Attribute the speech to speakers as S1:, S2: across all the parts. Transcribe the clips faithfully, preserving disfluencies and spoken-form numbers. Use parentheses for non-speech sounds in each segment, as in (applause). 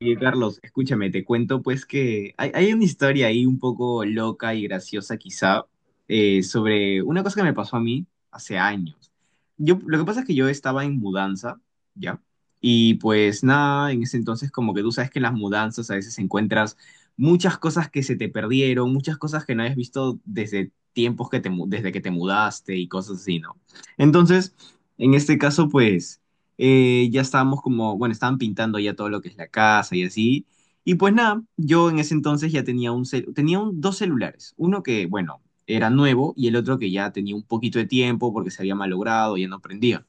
S1: Oye, Carlos, escúchame, te cuento pues que hay, hay una historia ahí un poco loca y graciosa quizá eh, sobre una cosa que me pasó a mí hace años. Yo, lo que pasa es que yo estaba en mudanza, ¿ya? Y pues nada, en ese entonces como que tú sabes que en las mudanzas a veces encuentras muchas cosas que se te perdieron, muchas cosas que no habías visto desde tiempos que te, mu- desde que te mudaste y cosas así, ¿no? Entonces, en este caso pues eh, ya estábamos como, bueno, estaban pintando ya todo lo que es la casa y así. Y pues nada, yo en ese entonces ya tenía un cel- tenía un- dos celulares, uno que, bueno, era nuevo y el otro que ya tenía un poquito de tiempo porque se había malogrado, ya no prendía.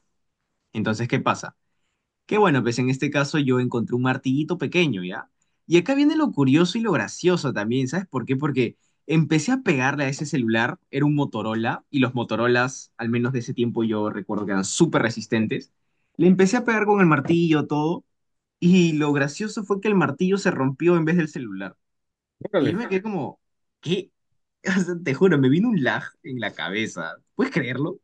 S1: Entonces, ¿qué pasa? Que bueno, pues en este caso yo encontré un martillito pequeño, ¿ya? Y acá viene lo curioso y lo gracioso también, ¿sabes por qué? Porque empecé a pegarle a ese celular, era un Motorola, y los Motorolas, al menos de ese tiempo yo recuerdo que eran súper resistentes. Le empecé a pegar con el martillo, todo, y lo gracioso fue que el martillo se rompió en vez del celular. Y
S2: Órale.
S1: yo me quedé como, ¿qué? (laughs) O sea, te juro, me vino un lag en la cabeza. ¿Puedes creerlo?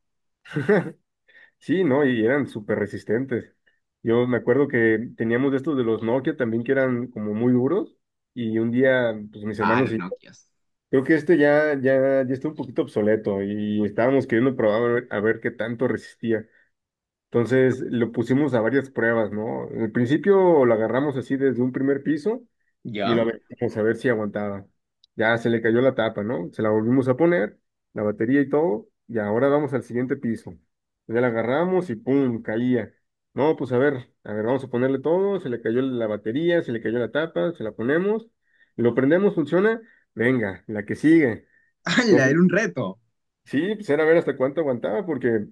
S2: Sí, ¿no? Y eran súper resistentes. Yo me acuerdo que teníamos de estos de los Nokia también que eran como muy duros y un día, pues mis
S1: Ah,
S2: hermanos
S1: los
S2: y
S1: Nokias.
S2: creo que este ya, ya, ya está un poquito obsoleto y estábamos queriendo probar a ver, a ver qué tanto resistía. Entonces lo pusimos a varias pruebas, ¿no? Al principio lo agarramos así desde un primer piso y lo
S1: ¿Ya?
S2: aventamos a ver si aguantaba. Ya se le cayó la tapa, ¿no? Se la volvimos a poner, la batería y todo, y ahora vamos al siguiente piso. Ya la agarramos y ¡pum! Caía. No, pues a ver, a ver, vamos a ponerle todo, se le cayó la batería, se le cayó la tapa, se la ponemos, lo prendemos, funciona, venga, la que sigue.
S1: (laughs) ¡Hala!
S2: Entonces,
S1: Era un reto.
S2: sí, pues era ver hasta cuánto aguantaba, porque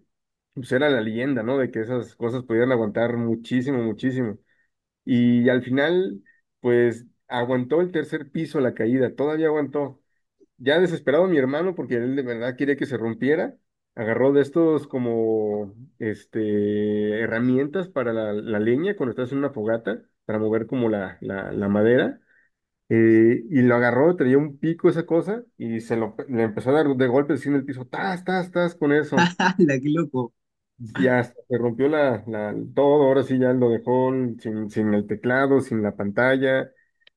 S2: pues era la leyenda, ¿no? De que esas cosas podían aguantar muchísimo, muchísimo. Y al final, pues aguantó el tercer piso la caída, todavía aguantó. Ya desesperado mi hermano, porque él de verdad quería que se rompiera, agarró de estos como este, herramientas para la, la leña cuando estás en una fogata, para mover como la, la, la madera. Eh, y lo agarró, traía un pico esa cosa, y se lo le empezó a dar de golpes así en el piso, tas, tas, tas, con eso.
S1: (laughs) ¡Hala! ¡Qué loco!
S2: Ya hasta se rompió la, la- todo, ahora sí ya lo dejó sin, sin el teclado, sin la pantalla,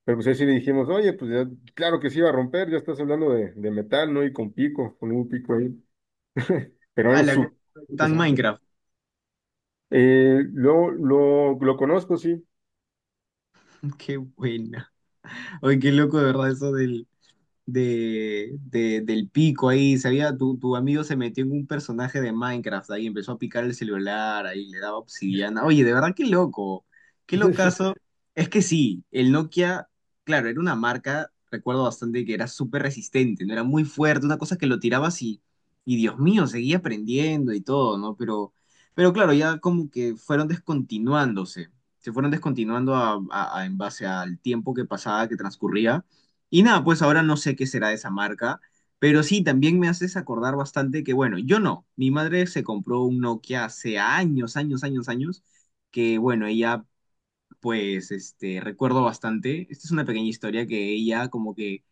S2: pero pues ahí sí le dijimos, oye, pues ya, claro que se iba a romper, ya estás hablando de, de metal, ¿no? Y con pico, con un pico ahí, pero
S1: A
S2: eran
S1: la,
S2: súper
S1: tan
S2: interesantes.
S1: Minecraft.
S2: Eh, lo, lo, lo conozco, sí.
S1: (laughs) Qué buena. Oye, qué loco de verdad eso del, de, de- del pico ahí, sabía, tu, tu amigo se metió en un personaje de Minecraft ahí, empezó a picar el celular, ahí le daba obsidiana. Oye, de verdad, qué loco, qué
S2: (laughs)
S1: locazo. Es que sí, el Nokia, claro, era una marca, recuerdo bastante que era súper resistente, no era muy fuerte, una cosa que lo tirabas y, y Dios mío, seguía aprendiendo y todo, ¿no? Pero, pero claro, ya como que fueron descontinuándose. Se fueron descontinuando a- a- a- en base al tiempo que pasaba, que transcurría. Y nada, pues ahora no sé qué será de esa marca, pero sí, también me haces acordar bastante que, bueno, yo no, mi madre se compró un Nokia hace años, años, años, años, que bueno, ella pues, este, recuerdo bastante, esta es una pequeña historia que ella como que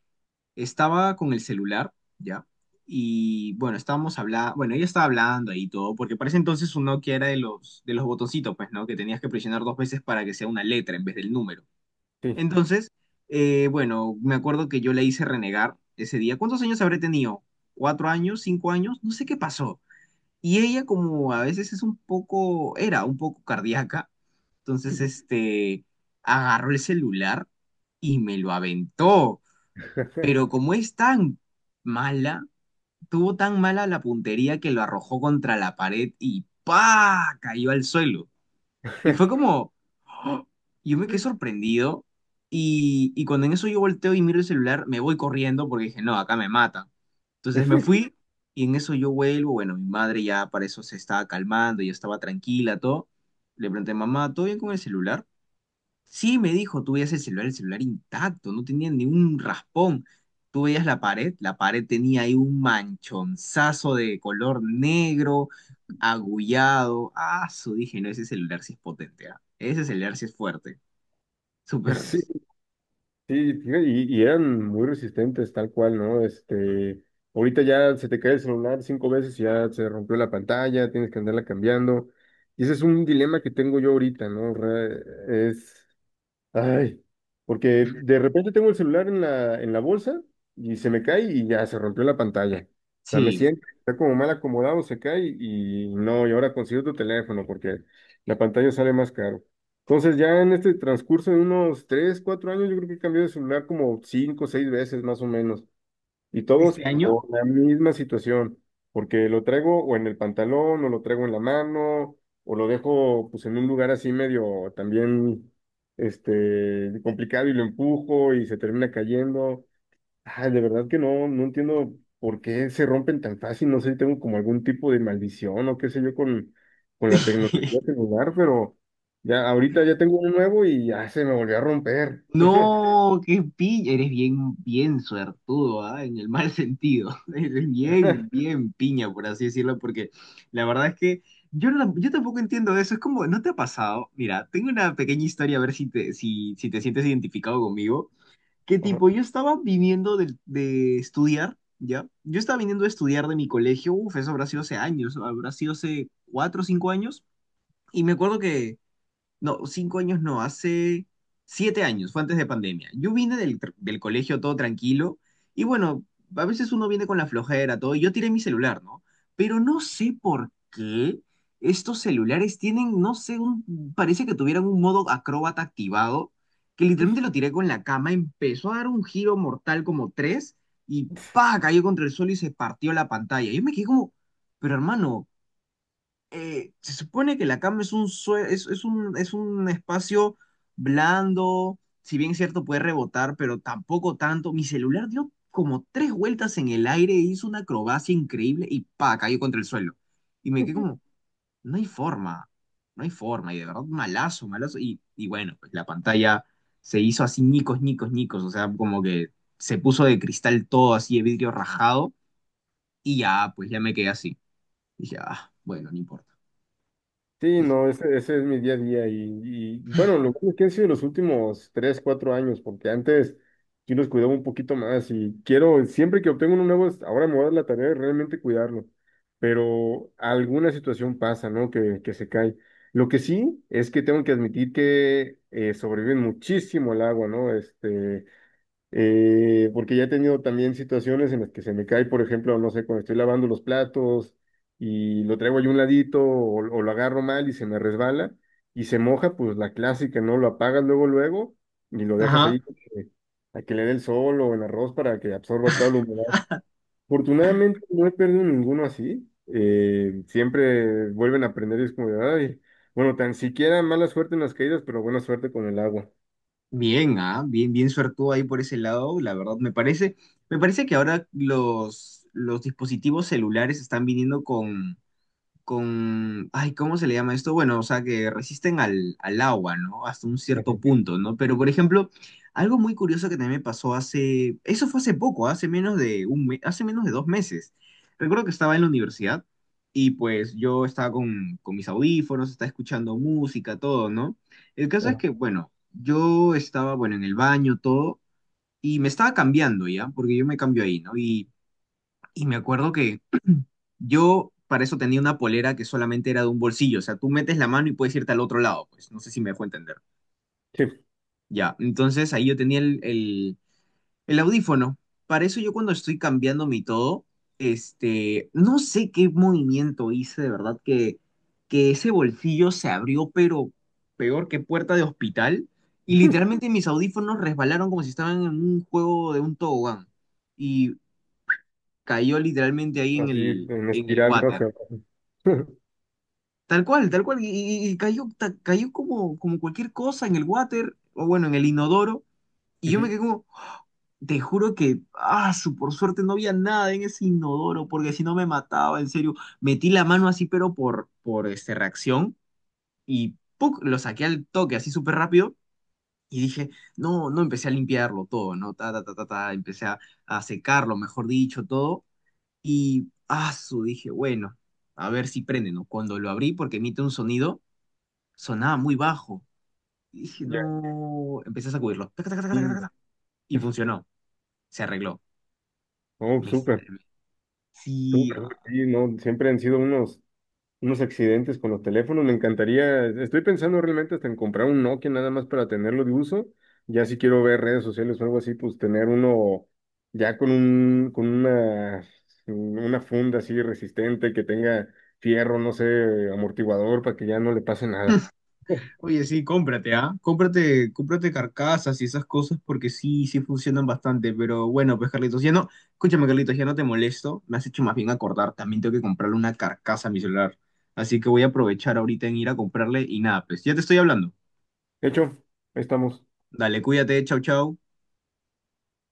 S1: estaba con el celular, ¿ya? Y bueno, estábamos hablando, bueno, ella estaba hablando ahí todo, porque para ese entonces un Nokia era de los, de los botoncitos, pues, ¿no? Que tenías que presionar dos veces para que sea una letra en vez del número.
S2: Sí.
S1: Entonces, eh, bueno, me acuerdo que yo le hice renegar ese día. ¿Cuántos años habré tenido? ¿Cuatro años? ¿Cinco años? No sé qué pasó. Y ella como a veces es un poco, era un poco cardíaca, entonces
S2: Ujú.
S1: este, agarró el celular y me lo aventó. Pero como es tan mala, tuvo tan mala la puntería que lo arrojó contra la pared y ¡pa! Cayó al suelo. Y fue como, ¡oh! yo me quedé sorprendido. Y, y cuando en eso yo volteo y miro el celular, me voy corriendo porque dije, no, acá me matan. Entonces me fui y en eso yo vuelvo. Bueno, mi madre ya para eso se estaba calmando, ya estaba tranquila, todo. Le pregunté, mamá, ¿todo bien con el celular? Sí, me dijo, tú veías el celular, el celular intacto, no tenía ni un raspón. Tú veías la pared, la pared tenía ahí un manchonzazo de color negro, agullado. Ah, su dije, no, ese celular sí es potente, ah. Ese celular sí es fuerte.
S2: (laughs)
S1: Súper,
S2: Sí, sí, fíjate, y, y eran muy resistentes, tal cual, ¿no? Este, ahorita ya se te cae el celular cinco veces y ya se rompió la pantalla, tienes que andarla cambiando. Y ese es un dilema que tengo yo ahorita, ¿no? Re- Es Ay, porque de repente tengo el celular en la, en la bolsa y se me cae y ya se rompió la pantalla. O sea, me
S1: sí.
S2: siento, está como mal acomodado, se cae y no, y ahora consigo tu teléfono porque la pantalla sale más caro. Entonces ya en este transcurso de unos tres cuatro años yo creo que he cambiado de celular como cinco seis veces más o menos. Y todos
S1: Este año
S2: por la misma situación, porque lo traigo o en el pantalón, o lo traigo en la mano, o lo dejo pues en un lugar así medio también este complicado y lo empujo y se termina cayendo. Ay, de verdad que no, no entiendo por qué se rompen tan fácil, no sé si tengo como algún tipo de maldición o qué sé yo con, con, la tecnología
S1: (laughs)
S2: celular, pero ya ahorita ya tengo uno nuevo y ya se me volvió a romper.
S1: No, qué piña. Eres bien, bien suertudo, ¿ah? En el mal sentido. (laughs) Eres bien, bien piña, por así decirlo, porque la verdad es que yo, no la- yo tampoco entiendo eso. Es como, ¿no te ha pasado? Mira, tengo una pequeña historia, a ver si te, si, si te sientes identificado conmigo. Que
S2: Ajá.
S1: tipo, yo estaba viniendo de, de estudiar, ¿ya? Yo estaba viniendo de estudiar de mi colegio. Uf, eso habrá sido hace años, habrá sido hace cuatro o cinco años. Y me acuerdo que no, cinco años no, hace siete años, fue antes de pandemia. Yo vine del, tr- del colegio todo tranquilo y bueno, a veces uno viene con la flojera, todo, y yo tiré mi celular, ¿no? Pero no sé por qué estos celulares tienen, no sé, un- parece que tuvieran un modo acróbata activado, que literalmente lo tiré con la cama, empezó a dar un giro mortal como tres y pa, cayó contra el suelo y se partió la pantalla. Yo me quedé como, pero hermano eh, se supone que la cama es un, sue- es, es un, es un espacio blando, si bien es cierto puede rebotar, pero tampoco tanto. Mi celular dio como tres vueltas en el aire, hizo una acrobacia increíble y pa, cayó contra el suelo. Y me quedé como, no hay forma, no hay forma, y de verdad malazo, malazo. Y, y bueno, pues la pantalla se hizo así ñicos, ñicos, ñicos, o sea, como que se puso de cristal todo así de vidrio rajado y ya, pues ya me quedé así. Dije, ah, bueno, no importa.
S2: Sí,
S1: Dije,
S2: no, ese, ese es mi día a día y, y, bueno, lo bueno es que han sido los últimos tres, cuatro años, porque antes yo los cuidaba un poquito más y quiero, siempre que obtengo uno nuevo, es- ahora me voy a dar la tarea de realmente cuidarlo, pero alguna situación pasa, ¿no? Que, que se cae. Lo que sí es que tengo que admitir que eh, sobreviven muchísimo al agua, ¿no? Este, eh, porque ya he tenido también situaciones en las que se me cae, por ejemplo, no sé, cuando estoy lavando los platos y lo traigo ahí un ladito o, o lo agarro mal y se me resbala y se moja, pues la clásica, ¿no? Lo apagas luego, luego y lo dejas
S1: Ajá.
S2: ahí eh, a que le dé el sol o el arroz para que absorba toda la humedad. Afortunadamente no he perdido ninguno así. Eh, siempre vuelven a aprender y es como de, ay, bueno, tan siquiera mala suerte en las caídas, pero buena suerte con el agua.
S1: Bien, ah, bien, bien suertudo ahí por ese lado, la verdad me parece, me parece que ahora los, los dispositivos celulares están viniendo con, con, ay, ¿cómo se le llama esto? Bueno, o sea, que resisten al, al agua, ¿no? Hasta un cierto
S2: Ujú.
S1: punto, ¿no? Pero, por ejemplo, algo muy curioso que también me pasó hace, eso fue hace poco, hace menos de un me- hace menos de dos meses. Recuerdo que estaba en la universidad y pues yo estaba con, con mis audífonos, estaba escuchando música, todo, ¿no? El caso es
S2: Ujú.
S1: que, bueno, yo estaba, bueno, en el baño, todo, y me estaba cambiando ya, porque yo me cambio ahí, ¿no? Y, y me acuerdo yo para eso tenía una polera que solamente era de un bolsillo, o sea, tú metes la mano y puedes irte al otro lado, pues no sé si me dejó entender.
S2: Sí,
S1: Ya, entonces ahí yo tenía el, el, el audífono. Para eso yo cuando estoy cambiando mi todo, este, no sé qué movimiento hice, de verdad que, que ese bolsillo se abrió, pero peor que puerta de hospital, y literalmente mis audífonos resbalaron como si estaban en un juego de un tobogán, y cayó literalmente ahí en
S2: así
S1: el,
S2: en
S1: en el
S2: espiral, ¿no?
S1: water.
S2: Hacia abajo. (laughs)
S1: Tal cual, tal cual. Y, y- y cayó, ta- cayó como, como cualquier cosa en el water, o bueno, en el inodoro. Y yo me
S2: Ujú.
S1: quedé como, te juro que, ah, su- por suerte no había nada en ese inodoro, porque si no me mataba, en serio. Metí la mano así, pero por, por este, reacción, y ¡puc! Lo saqué al toque, así súper rápido. Y dije, no, no, empecé a limpiarlo todo, ¿no? Ta, ta, ta, ta, ta, empecé a, a secarlo, mejor dicho, todo. Y, ah, su, dije, bueno, a ver si prende, ¿no? Cuando lo abrí, porque emite un sonido sonaba muy bajo. Y dije,
S2: Ya,
S1: no, empecé a sacudirlo. Taca, taca, taca, taca,
S2: sí.
S1: taca, taca, y funcionó, se arregló.
S2: Oh,
S1: Me,
S2: súper,
S1: salvé. Sí,
S2: súper, súper,
S1: ah.
S2: sí, no, siempre han sido unos, unos accidentes con los teléfonos. Me encantaría, estoy pensando realmente hasta en comprar un Nokia nada más para tenerlo de uso. Ya si quiero ver redes sociales o algo así, pues tener uno ya con un, con una, una funda así resistente que tenga fierro, no sé, amortiguador para que ya no le pase nada.
S1: Oye, sí, cómprate, ¿ah? Cómprate, cómprate carcasas y esas cosas porque sí, sí funcionan bastante. Pero bueno, pues Carlitos, ya no, escúchame, Carlitos, ya no te molesto. Me has hecho más bien acordar. También tengo que comprarle una carcasa a mi celular. Así que voy a aprovechar ahorita en ir a comprarle y nada, pues ya te estoy hablando.
S2: (laughs) Hecho, ahí estamos.
S1: Dale, cuídate, chau, chau.